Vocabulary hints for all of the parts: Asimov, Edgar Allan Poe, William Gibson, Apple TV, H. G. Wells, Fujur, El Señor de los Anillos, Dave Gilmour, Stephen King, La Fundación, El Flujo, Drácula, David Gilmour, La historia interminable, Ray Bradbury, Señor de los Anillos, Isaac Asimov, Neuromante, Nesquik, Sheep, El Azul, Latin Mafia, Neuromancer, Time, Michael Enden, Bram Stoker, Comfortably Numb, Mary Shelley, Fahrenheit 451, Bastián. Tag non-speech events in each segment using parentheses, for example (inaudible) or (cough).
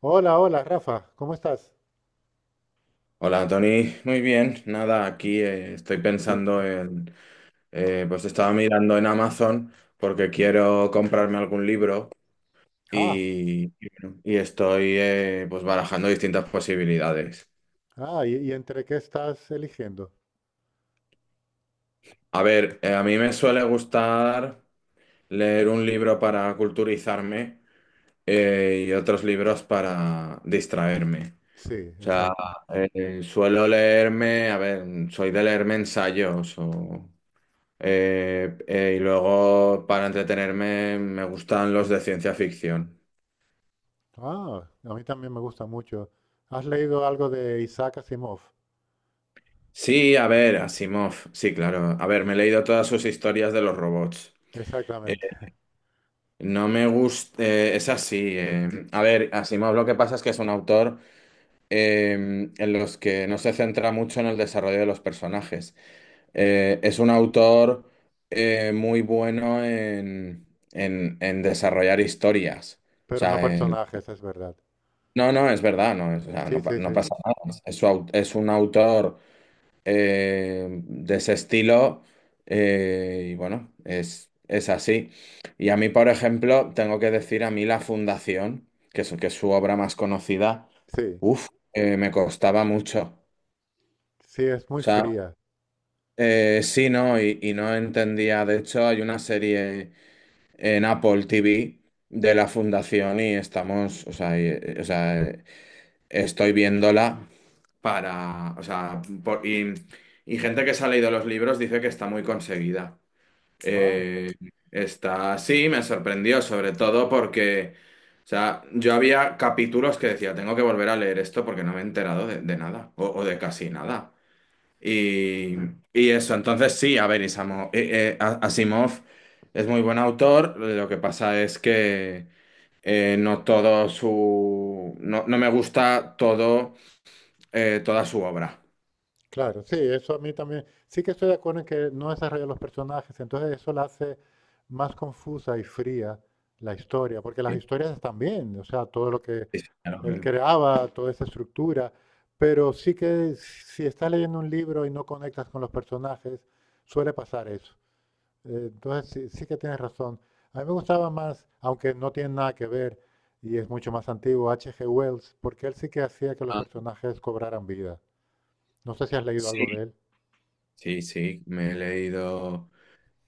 Hola, hola, Rafa, ¿cómo estás? Hola, Tony. Muy bien. Nada, aquí estoy pensando en... Pues estaba mirando en Amazon porque quiero comprarme algún libro Ah, y bueno, y estoy pues barajando distintas posibilidades. ah, ¿y entre qué estás eligiendo? A ver, a mí me suele gustar leer un libro para culturizarme, y otros libros para distraerme. Sí, O sea, exacto. Suelo leerme, a ver, soy de leerme ensayos o... Y luego, para entretenerme, me gustan los de ciencia ficción. Ah, a mí también me gusta mucho. ¿Has leído algo de Isaac Asimov? Sí, a ver, Asimov, sí, claro. A ver, me he leído todas sus historias de los robots. Eh, Exactamente, (laughs) No me gusta, es así. A ver, Asimov lo que pasa es que es un autor en los que no se centra mucho en el desarrollo de los personajes. Es un autor muy bueno en, en desarrollar historias. O pero no sea, personajes, es verdad. no, no, es verdad, no, o sea, Sí, no, sí, no sí, pasa nada. Es un autor de ese estilo, y bueno, es así. Y a mí, por ejemplo, tengo que decir a mí La Fundación, que es su obra más conocida, sí, uff, me costaba mucho. sí, es muy O sea, fría. Sí, no, y no entendía. De hecho, hay una serie en Apple TV de La Fundación y estamos, o sea, o sea, estoy viéndola. Para, o sea, y gente que se ha leído los libros dice que está muy conseguida. Ah, Eh, Está, sí, me sorprendió, sobre todo porque, o sea, yo había capítulos que decía, tengo que volver a leer esto porque no me he enterado de nada, o de casi nada. Y, y eso, entonces sí, a ver, Asimov es muy buen autor, lo que pasa es que no todo su, no, no me gusta todo, toda su obra. claro, sí, eso a mí también. Sí que estoy de acuerdo en que no desarrolla los personajes, entonces eso la hace más confusa y fría la historia, porque las Sí. historias están bien, o sea, todo lo que Sí, sí, ya lo él creo. creaba toda esa estructura, pero sí que si estás leyendo un libro y no conectas con los personajes, suele pasar eso. Entonces sí, sí que tienes razón. A mí me gustaba más, aunque no tiene nada que ver y es mucho más antiguo, H. G. Wells, porque él sí que hacía que los Ah, personajes cobraran vida. No sé si has leído sí, algo de él. sí, sí, me he leído.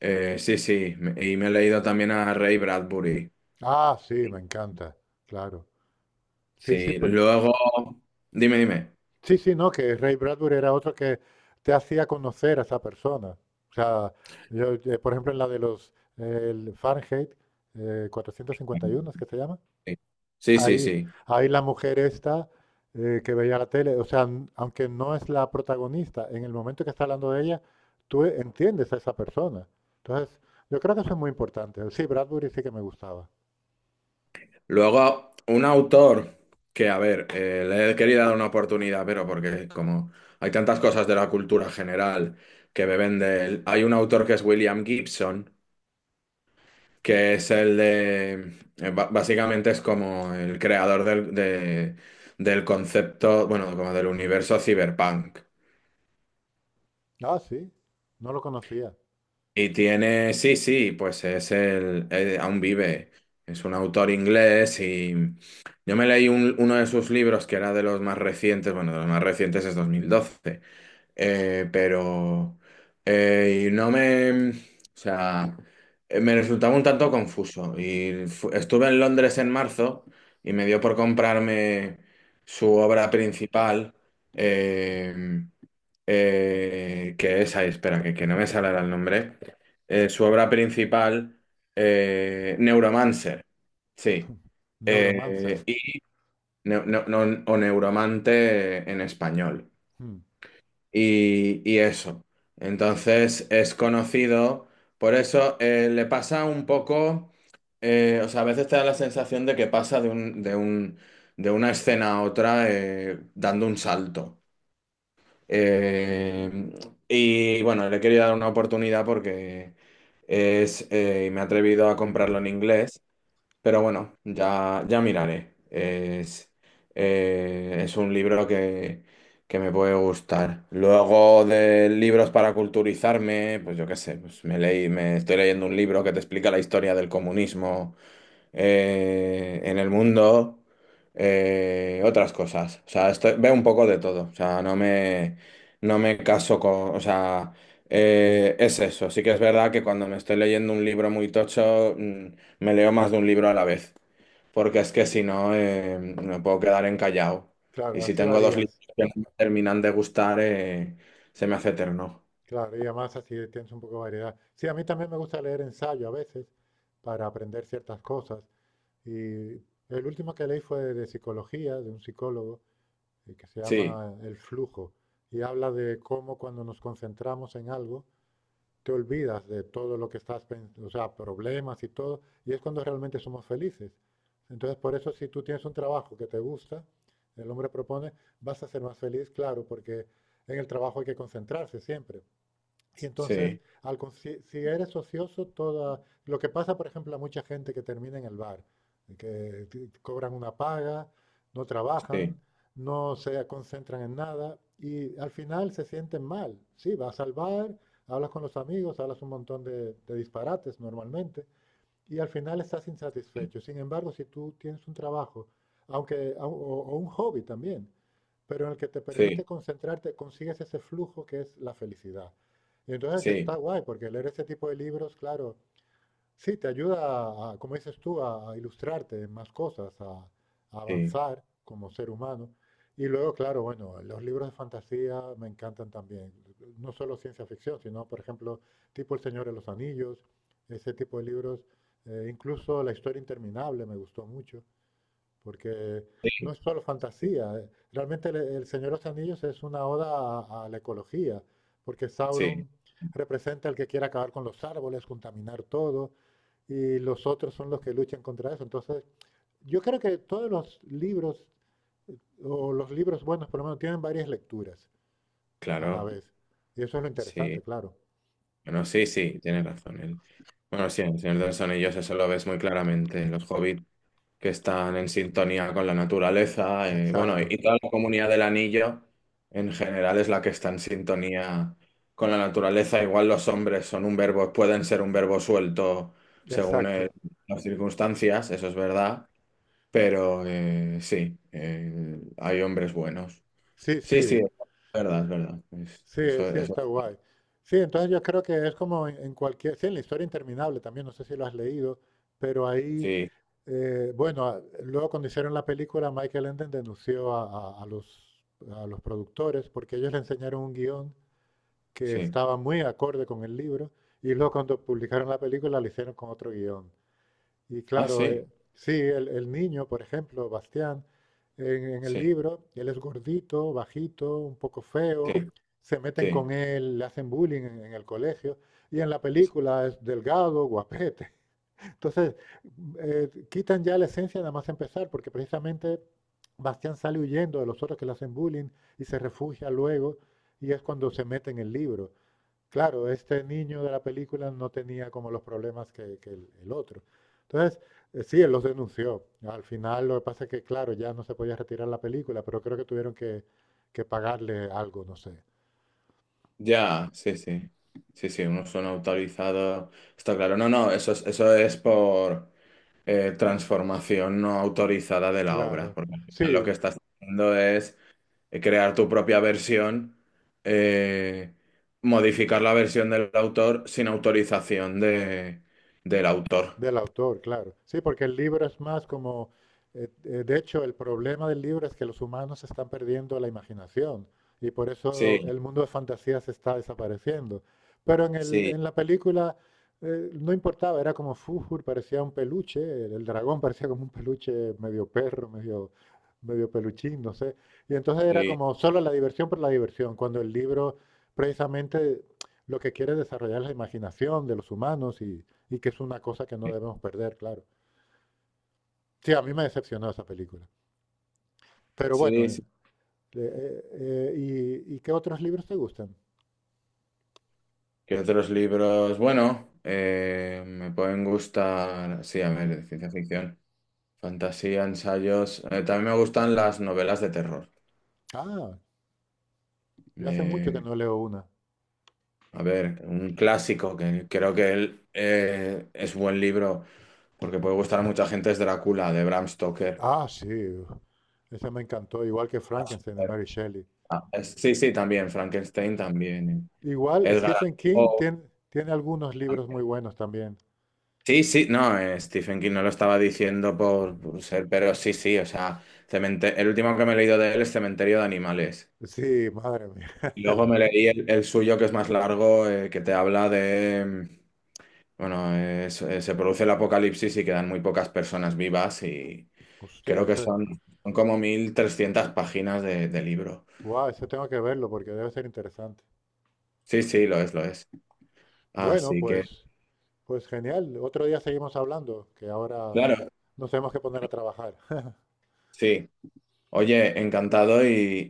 Sí, sí, y me he leído también a Ray Bradbury. Ah, sí, me encanta, claro. Sí, sí, Sí, pues, luego. Dime, dime. sí, sí, no, que Ray Bradbury era otro que te hacía conocer a esa persona. O sea, yo, por ejemplo, en la de los el Fahrenheit 451, es que se llama, Sí, sí, sí. ahí, Sí. ahí la mujer esta que veía la tele, o sea, aunque no es la protagonista, en el momento que está hablando de ella, tú entiendes a esa persona. Entonces, yo creo que eso es muy importante. Sí, Bradbury sí que me gustaba. Luego, un autor que, a ver, le he querido dar una oportunidad, pero porque como hay tantas cosas de la cultura general que beben de él, hay un autor que es William Gibson, que es el de, básicamente es como el creador del, del concepto, bueno, como del universo cyberpunk. Ah, sí, no lo conocía. Y tiene, sí, sí, pues es el, aún vive, es un autor inglés y yo me leí uno de sus libros que era de los más recientes, bueno, de los más recientes es 2012. Pero y no me, o sea, me resultaba un tanto confuso. Y estuve en Londres en marzo y me dio por comprarme su obra principal, eh, que es, ahí, espera, que no me sale ahora el nombre. Su obra principal, Neuromancer, sí. (laughs) Neuromancer. Y, o Neuromante en español, Hmm. y eso. Entonces es conocido, por eso le pasa un poco, o sea, a veces te da la sensación de que pasa de una escena a otra, dando un salto. Eh, y bueno, le he querido dar una oportunidad porque es, y me he atrevido a comprarlo en inglés. Pero bueno, ya miraré. Es un libro que me puede gustar. Luego de libros para culturizarme, pues yo qué sé, pues me leí, me estoy leyendo un libro que te explica la historia del comunismo en el mundo, otras cosas. O sea, veo un poco de todo. O sea, no me caso con... O sea, es eso. Sí que es verdad que cuando me estoy leyendo un libro muy tocho, me leo más de un libro a la vez. Porque es que si no, me puedo quedar encallado. Claro, Y si así tengo dos varía. libros que no me terminan de gustar, se me hace eterno. Claro, y además así tienes un poco de variedad. Sí, a mí también me gusta leer ensayo a veces para aprender ciertas cosas. Y el último que leí fue de psicología, de un psicólogo, que se Sí, llama El Flujo, y habla de cómo cuando nos concentramos en algo, te olvidas de todo lo que estás pensando, o sea, problemas y todo, y es cuando realmente somos felices. Entonces, por eso si tú tienes un trabajo que te gusta, el hombre propone, vas a ser más feliz, claro, porque en el trabajo hay que concentrarse siempre. Y entonces, sí, si, si eres ocioso, toda, lo que pasa, por ejemplo, a mucha gente que termina en el bar, cobran una paga, no trabajan, sí, no se concentran en nada y al final se sienten mal. Sí, vas al bar, hablas con los amigos, hablas un montón de disparates normalmente, y al final estás insatisfecho. Sin embargo, si tú tienes un trabajo, aunque, o un hobby también, pero en el que te permite sí, concentrarte, consigues ese flujo que es la felicidad. Y entonces sí, está guay, porque leer ese tipo de libros, claro, sí, te ayuda, a, como dices tú, a ilustrarte en más cosas, a sí, avanzar como ser humano. Y luego, claro, bueno, los libros de fantasía me encantan también. No solo ciencia ficción, sino, por ejemplo, tipo El Señor de los Anillos, ese tipo de libros. Incluso La historia interminable me gustó mucho porque sí, no es solo sí, fantasía. Realmente el Señor de los Anillos es una oda a la ecología, porque sí, Sauron representa el que quiere acabar con los árboles, contaminar todo, y los otros son los que luchan contra eso. Entonces, yo creo que todos los libros, o los libros buenos por lo menos, tienen varias lecturas a la claro. vez. Y eso es lo interesante, Sí, claro. bueno, sí, sí, tienes razón. El... Bueno, sí, el Señor de los Anillos eso lo ves muy claramente. Los hobbits que están en sintonía con la naturaleza, bueno, Exacto, y toda la comunidad del anillo en general es la que está en sintonía con la naturaleza. Igual los hombres son un verbo, pueden ser un verbo suelto según exacto. las circunstancias, eso es verdad, pero sí, hay hombres buenos. Sí, Sí, sí, sí. es verdad, es verdad. Sí, Eso, sí, eso, está guay. Sí, entonces yo creo que es como en cualquier, sí, en la historia interminable también, no sé si lo has leído, pero ahí, sí, bueno, luego cuando hicieron la película, Michael Enden denunció a, a- a los, a los productores porque ellos le enseñaron un guión que sí. estaba muy acorde con el libro y luego cuando publicaron la película lo hicieron con otro guión. Y Ah, claro, sí. Sí, el niño, por ejemplo, Bastián, en, en el Sí, libro, él es gordito, bajito, un poco sí, feo, se meten sí. con él, le hacen bullying en el colegio, y en la película es delgado, guapete. (laughs) Entonces, quitan ya la esencia nada más empezar, porque precisamente Bastián sale huyendo de los otros que le hacen bullying y se refugia luego, y es cuando se mete en el libro. Claro, este niño de la película no tenía como los problemas que el otro. Entonces, sí, él los denunció. Al final, lo que pasa es que, claro, ya no se podía retirar la película, pero creo que tuvieron que pagarle algo, no sé. Ya, sí, sí. Sí, sí, unos son autorizados. Está claro. No, no, eso es por transformación no autorizada de la obra. Claro, Porque al final lo que sí. estás haciendo es crear tu propia versión, eh, modificar la versión del autor sin autorización del autor. Del autor, claro. Sí, porque el libro es más como, de hecho, el problema del libro es que los humanos están perdiendo la imaginación y por Sí, eso el mundo de fantasía se está desapareciendo. Pero sí, en la película no importaba, era como Fujur, parecía un peluche, el dragón parecía como un peluche medio perro, medio, medio peluchín, no sé. Y entonces era sí, como solo la diversión por la diversión, cuando el libro precisamente lo que quiere es desarrollar la imaginación de los humanos y que es una cosa que no sí, debemos perder, claro. Sí, a mí me decepcionó esa película. Pero bueno, sí, sí. ¿Y, y qué otros libros te gustan? ¿Qué otros libros? Bueno, me pueden gustar, sí, a ver, de ciencia ficción, fantasía, ensayos. También me gustan las novelas de terror. Ah, yo hace mucho que Eh, no leo una. a ver, un clásico que creo que él, es buen libro porque puede gustar a mucha gente es Drácula de Bram Stoker. Ah, sí, ese me encantó, igual que Frankenstein de Mary Shelley. Ah, sí, sí, también, Frankenstein también. Igual Edgar Allan Stephen Poe. King tiene, tiene algunos libros muy buenos también. Sí, sí, no, Stephen King no lo estaba diciendo por, ser, pero sí, sí, o sea, el último que me he leído de él es Cementerio de Animales. Sí, madre mía. Y (laughs) luego me leí el suyo, que es más largo, que te habla de, bueno, se produce el apocalipsis y quedan muy pocas personas vivas y Hostia, creo que ese, son, son como 1300 páginas de libro. wow, ese tengo que verlo porque debe ser interesante. Sí, sí, lo es, lo es. Bueno, Así que, pues, pues genial. Otro día seguimos hablando, que ahora claro, nos tenemos que poner a trabajar. sí. Oye, encantado y,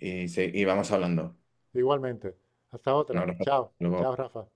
sí, y vamos hablando. Igualmente. Hasta Un otra. abrazo. Hasta Chao. luego. Chao, Rafa.